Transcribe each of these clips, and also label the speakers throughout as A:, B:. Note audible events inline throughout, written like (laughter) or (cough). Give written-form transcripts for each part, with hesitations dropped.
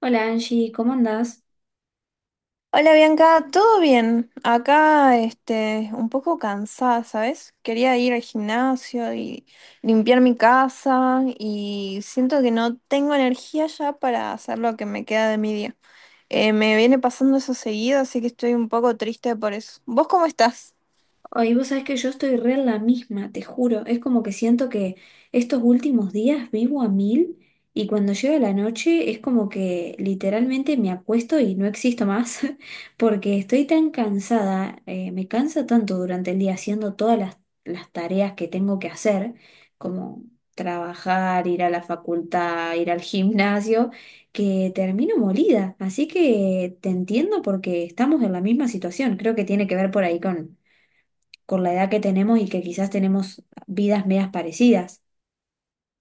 A: Hola Angie, ¿cómo andás?
B: Hola Bianca, ¿todo bien? Acá, este, un poco cansada, ¿sabes? Quería ir al gimnasio y limpiar mi casa y siento que no tengo energía ya para hacer lo que me queda de mi día. Me viene pasando eso seguido, así que estoy un poco triste por eso. ¿Vos cómo estás?
A: Ay, vos sabés que yo estoy re en la misma, te juro. Es como que siento que estos últimos días vivo a mil y cuando llega la noche es como que literalmente me acuesto y no existo más (laughs) porque estoy tan cansada, me cansa tanto durante el día haciendo todas las tareas que tengo que hacer, como trabajar, ir a la facultad, ir al gimnasio, que termino molida. Así que te entiendo porque estamos en la misma situación. Creo que tiene que ver por ahí con la edad que tenemos y que quizás tenemos vidas medias parecidas.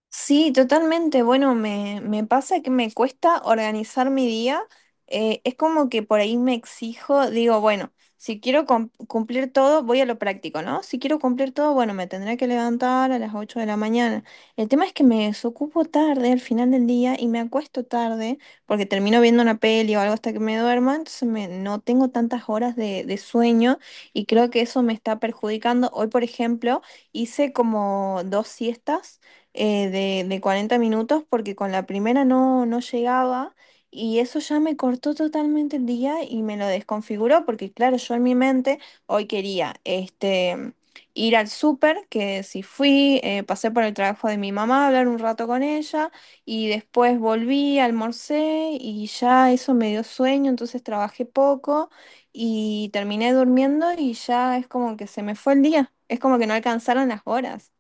B: Sí, totalmente. Bueno, me pasa que me cuesta organizar mi día. Es como que por ahí me exijo, digo, bueno, si quiero cumplir todo, voy a lo práctico, ¿no? Si quiero cumplir todo, bueno, me tendré que levantar a las 8 de la mañana. El tema es que me desocupo tarde al final del día y me acuesto tarde porque termino viendo una peli o algo hasta que me duerma, entonces no tengo tantas horas de sueño y creo que eso me está perjudicando. Hoy, por ejemplo, hice como dos siestas de 40 minutos porque con la primera no llegaba y eso ya me cortó totalmente el día y me lo desconfiguró porque claro, yo en mi mente hoy quería ir al súper, que si fui, pasé por el trabajo de mi mamá, hablar un rato con ella y después volví, almorcé y ya eso me dio sueño, entonces trabajé poco y terminé durmiendo y ya es como que se me fue el día, es como que no alcanzaron las horas.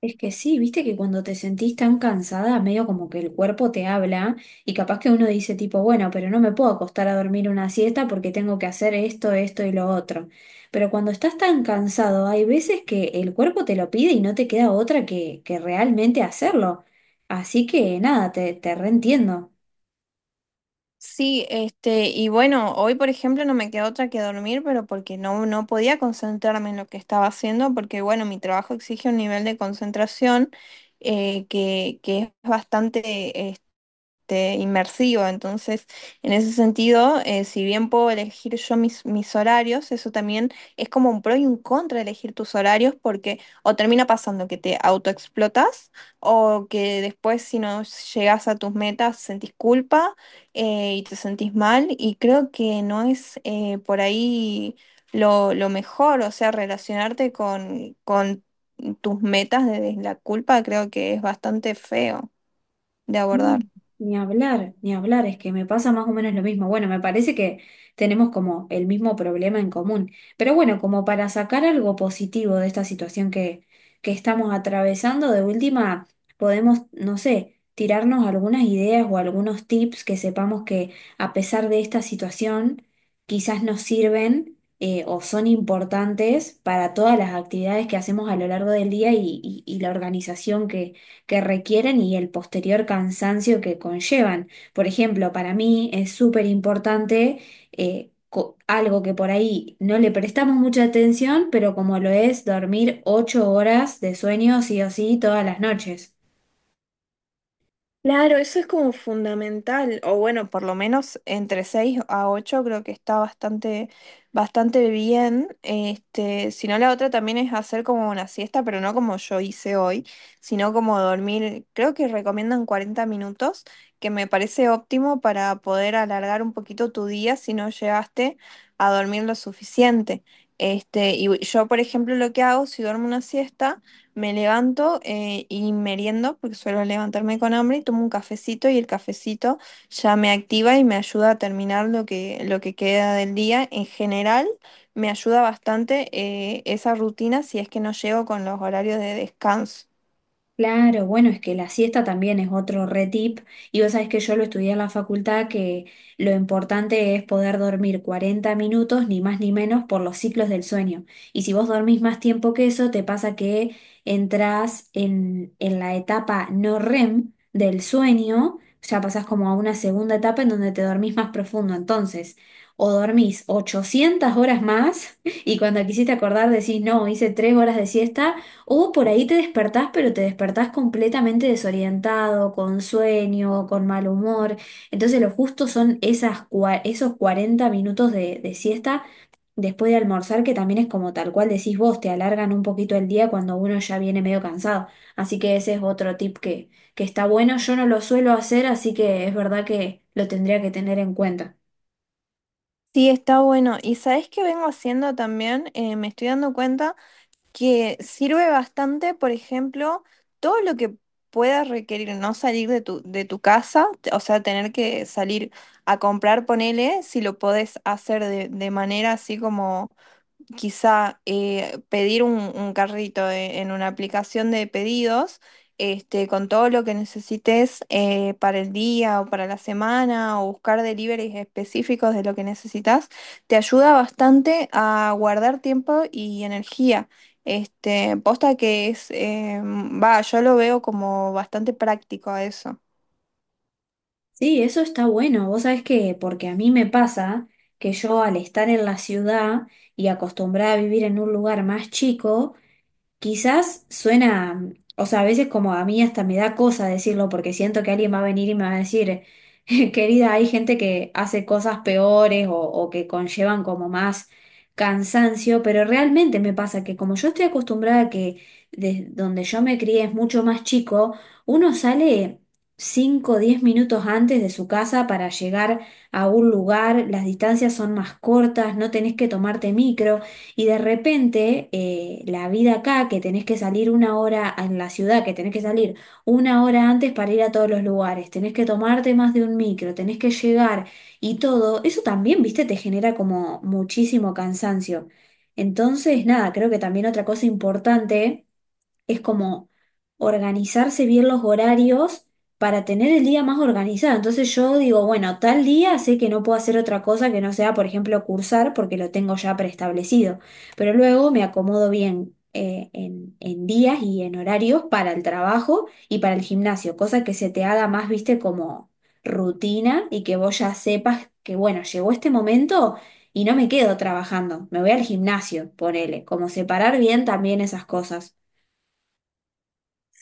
A: Es que sí, viste que cuando te sentís tan cansada, medio como que el cuerpo te habla y capaz que uno dice tipo, bueno, pero no me puedo acostar a dormir una siesta porque tengo que hacer esto, esto y lo otro. Pero cuando estás tan cansado, hay veces que el cuerpo te lo pide y no te queda otra que realmente hacerlo. Así que nada, te reentiendo.
B: Sí, este, y bueno, hoy por ejemplo no me quedó otra que dormir, pero porque no podía concentrarme en lo que estaba haciendo, porque bueno, mi trabajo exige un nivel de concentración que es bastante, este, inmersivo. Entonces, en ese sentido, si bien puedo elegir yo mis horarios, eso también es como un pro y un contra elegir tus horarios porque o termina pasando que te autoexplotas o que después si no llegas a tus metas sentís culpa y te sentís mal y creo que no es por ahí lo mejor, o sea, relacionarte con tus metas desde la culpa creo que es bastante feo de
A: Mm,
B: abordar.
A: ni hablar, ni hablar, es que me pasa más o menos lo mismo. Bueno, me parece que tenemos como el mismo problema en común. Pero bueno, como para sacar algo positivo de esta situación que estamos atravesando, de última podemos, no sé, tirarnos algunas ideas o algunos tips que sepamos que a pesar de esta situación, quizás nos sirven, o son importantes para todas las actividades que hacemos a lo largo del día y la organización que requieren y el posterior cansancio que conllevan. Por ejemplo, para mí es súper importante, algo que por ahí no le prestamos mucha atención, pero como lo es dormir 8 horas de sueño sí o sí todas las noches.
B: Claro, eso es como fundamental, o bueno, por lo menos entre 6 a 8 creo que está bastante, bastante bien. Este, si no, la otra también es hacer como una siesta, pero no como yo hice hoy, sino como dormir, creo que recomiendan 40 minutos, que me parece óptimo para poder alargar un poquito tu día si no llegaste a dormir lo suficiente. Este, y yo, por ejemplo, lo que hago, si duermo una siesta, me levanto y meriendo, porque suelo levantarme con hambre, y tomo un cafecito y el cafecito ya me activa y me ayuda a terminar lo que queda del día. En general, me ayuda bastante esa rutina si es que no llego con los horarios de descanso.
A: Claro, bueno, es que la siesta también es otro re tip y vos sabés que yo lo estudié en la facultad que lo importante es poder dormir 40 minutos, ni más ni menos, por los ciclos del sueño. Y si vos dormís más tiempo que eso, te pasa que entrás en la etapa no REM del sueño, ya pasás como a una segunda etapa en donde te dormís más profundo. Entonces, o dormís 800 horas más (laughs) y cuando quisiste acordar decís, no, hice 3 horas de siesta o por ahí te despertás, pero te despertás completamente desorientado, con sueño, con mal humor. Entonces lo justo son esos 40 minutos de siesta después de almorzar, que también es como tal cual decís vos, te alargan un poquito el día cuando uno ya viene medio cansado. Así que ese es otro tip que está bueno. Yo no lo suelo hacer, así que es verdad que lo tendría que tener en cuenta.
B: Sí, está bueno. ¿Y sabes qué vengo haciendo también? Me estoy dando cuenta que sirve bastante, por ejemplo, todo lo que puedas requerir no salir de tu casa, o sea, tener que salir a comprar, ponele, si lo podés hacer de manera así como quizá pedir un carrito en una aplicación de pedidos, este, con todo lo que necesites para el día o para la semana, o buscar deliveries específicos de lo que necesitas, te ayuda bastante a guardar tiempo y energía. Este, posta que es, va, yo lo veo como bastante práctico a eso.
A: Sí, eso está bueno. Vos sabés que, porque a mí me pasa que yo al estar en la ciudad y acostumbrada a vivir en un lugar más chico, quizás suena, o sea, a veces como a mí hasta me da cosa decirlo porque siento que alguien va a venir y me va a decir, (laughs) querida, hay gente que hace cosas peores o que conllevan como más cansancio, pero realmente me pasa que como yo estoy acostumbrada a que de donde yo me crié es mucho más chico, uno sale 5, o 10 minutos antes de su casa para llegar a un lugar, las distancias son más cortas, no tenés que tomarte micro. Y de repente, la vida acá, que tenés que salir una hora en la ciudad, que tenés que salir una hora antes para ir a todos los lugares, tenés que tomarte más de un micro, tenés que llegar y todo, eso también, viste, te genera como muchísimo cansancio. Entonces, nada, creo que también otra cosa importante es como organizarse bien los horarios para tener el día más organizado. Entonces yo digo, bueno, tal día sé que no puedo hacer otra cosa que no sea, por ejemplo, cursar porque lo tengo ya preestablecido, pero luego me acomodo bien, en días y en horarios para el trabajo y para el gimnasio, cosa que se te haga más, viste, como rutina y que vos ya sepas que, bueno, llegó este momento y no me quedo trabajando, me voy al gimnasio, ponele, como separar bien también esas cosas.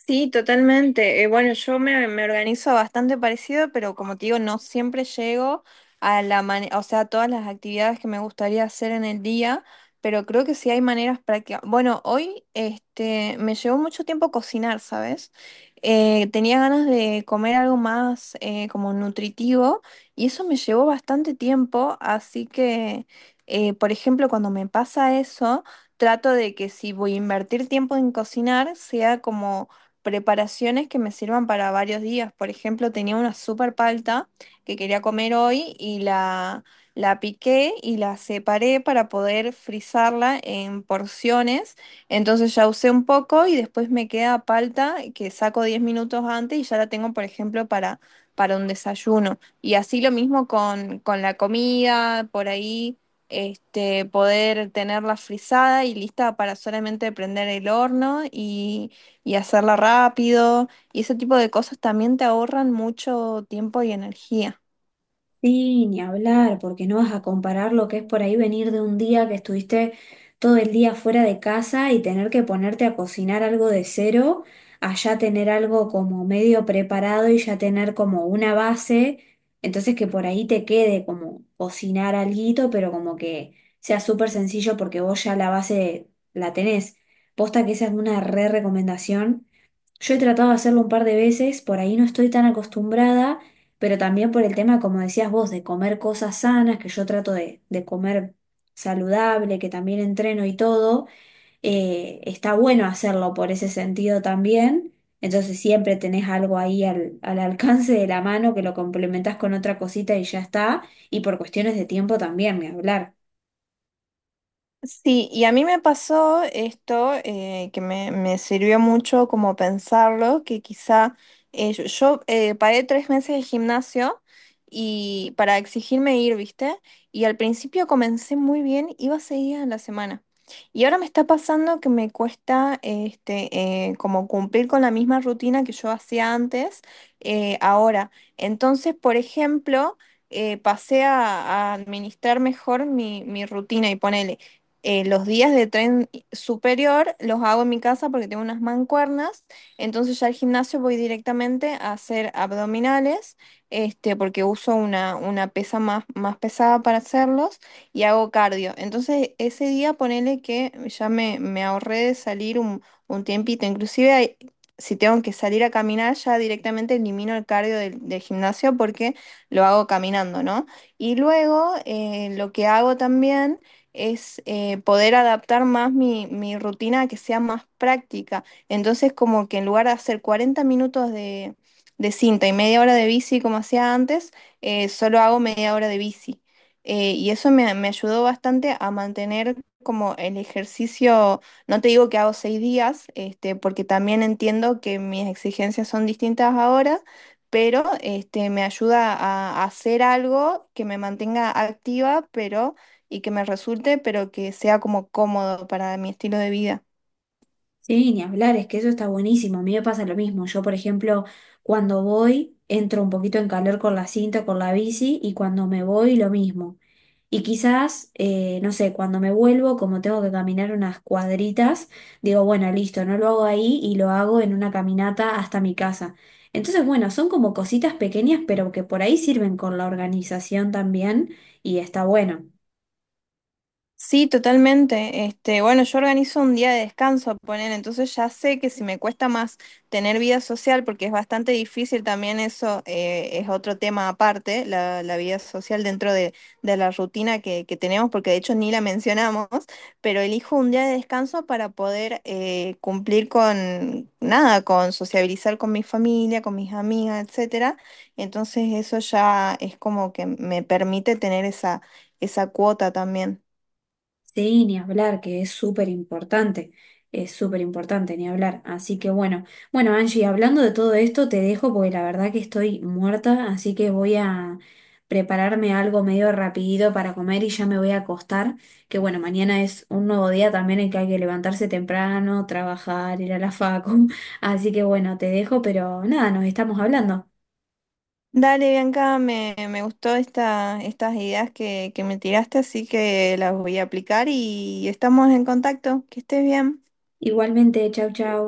B: Sí, totalmente. Bueno, yo me organizo bastante parecido, pero como te digo, no siempre llego a la o sea, a todas las actividades que me gustaría hacer en el día, pero creo que sí hay maneras prácticas. Bueno, hoy este, me llevó mucho tiempo cocinar, ¿sabes? Tenía ganas de comer algo más como nutritivo y eso me llevó bastante tiempo, así que, por ejemplo, cuando me pasa eso, trato de que si voy a invertir tiempo en cocinar, sea como preparaciones que me sirvan para varios días. Por ejemplo, tenía una super palta que quería comer hoy y la piqué y la separé para poder frizarla en porciones. Entonces ya usé un poco y después me queda palta que saco 10 minutos antes y ya la tengo, por ejemplo, para un desayuno. Y así lo mismo con la comida, por ahí. Este, poder tenerla frizada y lista para solamente prender el horno y hacerla rápido. Y ese tipo de cosas también te ahorran mucho tiempo y energía.
A: Sí, ni hablar, porque no vas a comparar lo que es por ahí venir de un día que estuviste todo el día fuera de casa y tener que ponerte a cocinar algo de cero, a ya tener algo como medio preparado y ya tener como una base, entonces que por ahí te quede como cocinar alguito, pero como que sea súper sencillo porque vos ya la base la tenés. Posta que esa es una re recomendación. Yo he tratado de hacerlo un par de veces, por ahí no estoy tan acostumbrada, pero también por el tema, como decías vos, de comer cosas sanas, que yo trato de comer saludable, que también entreno y todo, está bueno hacerlo por ese sentido también. Entonces siempre tenés algo ahí al alcance de la mano que lo complementás con otra cosita y ya está. Y por cuestiones de tiempo también, ni hablar.
B: Sí, y a mí me pasó esto que me sirvió mucho como pensarlo, que quizá paré 3 meses de gimnasio y para exigirme ir, ¿viste? Y al principio comencé muy bien, iba 6 días a la semana. Y ahora me está pasando que me cuesta este, como cumplir con la misma rutina que yo hacía antes, ahora. Entonces, por ejemplo, pasé a administrar mejor mi rutina y ponele los días de tren superior los hago en mi casa porque tengo unas mancuernas, entonces ya al gimnasio voy directamente a hacer abdominales, este, porque uso una pesa más, más pesada para hacerlos y hago cardio. Entonces ese día ponele que ya me ahorré de salir un tiempito, inclusive si tengo que salir a caminar, ya directamente elimino el cardio del gimnasio porque lo hago caminando, ¿no? Y luego lo que hago también es poder adaptar más mi rutina a que sea más práctica. Entonces, como que en lugar de hacer 40 minutos de cinta y media hora de bici como hacía antes, solo hago media hora de bici. Y eso me ayudó bastante a mantener como el ejercicio, no te digo que hago 6 días, este, porque también entiendo que mis exigencias son distintas ahora, pero este, me ayuda a hacer algo que me mantenga activa, pero y que me resulte, pero que sea como cómodo para mi estilo de vida.
A: Sí, ni hablar, es que eso está buenísimo. A mí me pasa lo mismo. Yo, por ejemplo, cuando voy, entro un poquito en calor con la cinta, con la bici, y cuando me voy, lo mismo. Y quizás, no sé, cuando me vuelvo, como tengo que caminar unas cuadritas, digo, bueno, listo, no lo hago ahí y lo hago en una caminata hasta mi casa. Entonces, bueno, son como cositas pequeñas, pero que por ahí sirven con la organización también, y está bueno.
B: Sí, totalmente. Este, bueno, yo organizo un día de descanso, poner, entonces ya sé que si me cuesta más tener vida social, porque es bastante difícil también eso, es otro tema aparte, la vida social dentro de la rutina que tenemos, porque de hecho ni la mencionamos, pero elijo un día de descanso para poder cumplir con nada, con sociabilizar con mi familia, con mis amigas, etcétera. Entonces eso ya es como que me permite tener esa, esa cuota también.
A: Sí, ni hablar, que es súper importante, ni hablar. Así que bueno, bueno, Angie, hablando de todo esto, te dejo porque la verdad que estoy muerta, así que voy a prepararme algo medio rapidito para comer y ya me voy a acostar, que bueno, mañana es un nuevo día también en que hay que levantarse temprano, trabajar, ir a la facu. (laughs) Así que bueno, te dejo, pero nada, nos estamos hablando.
B: Dale, Bianca, me gustó estas ideas que me tiraste, así que las voy a aplicar y estamos en contacto. Que estés bien.
A: Igualmente, chau, chau.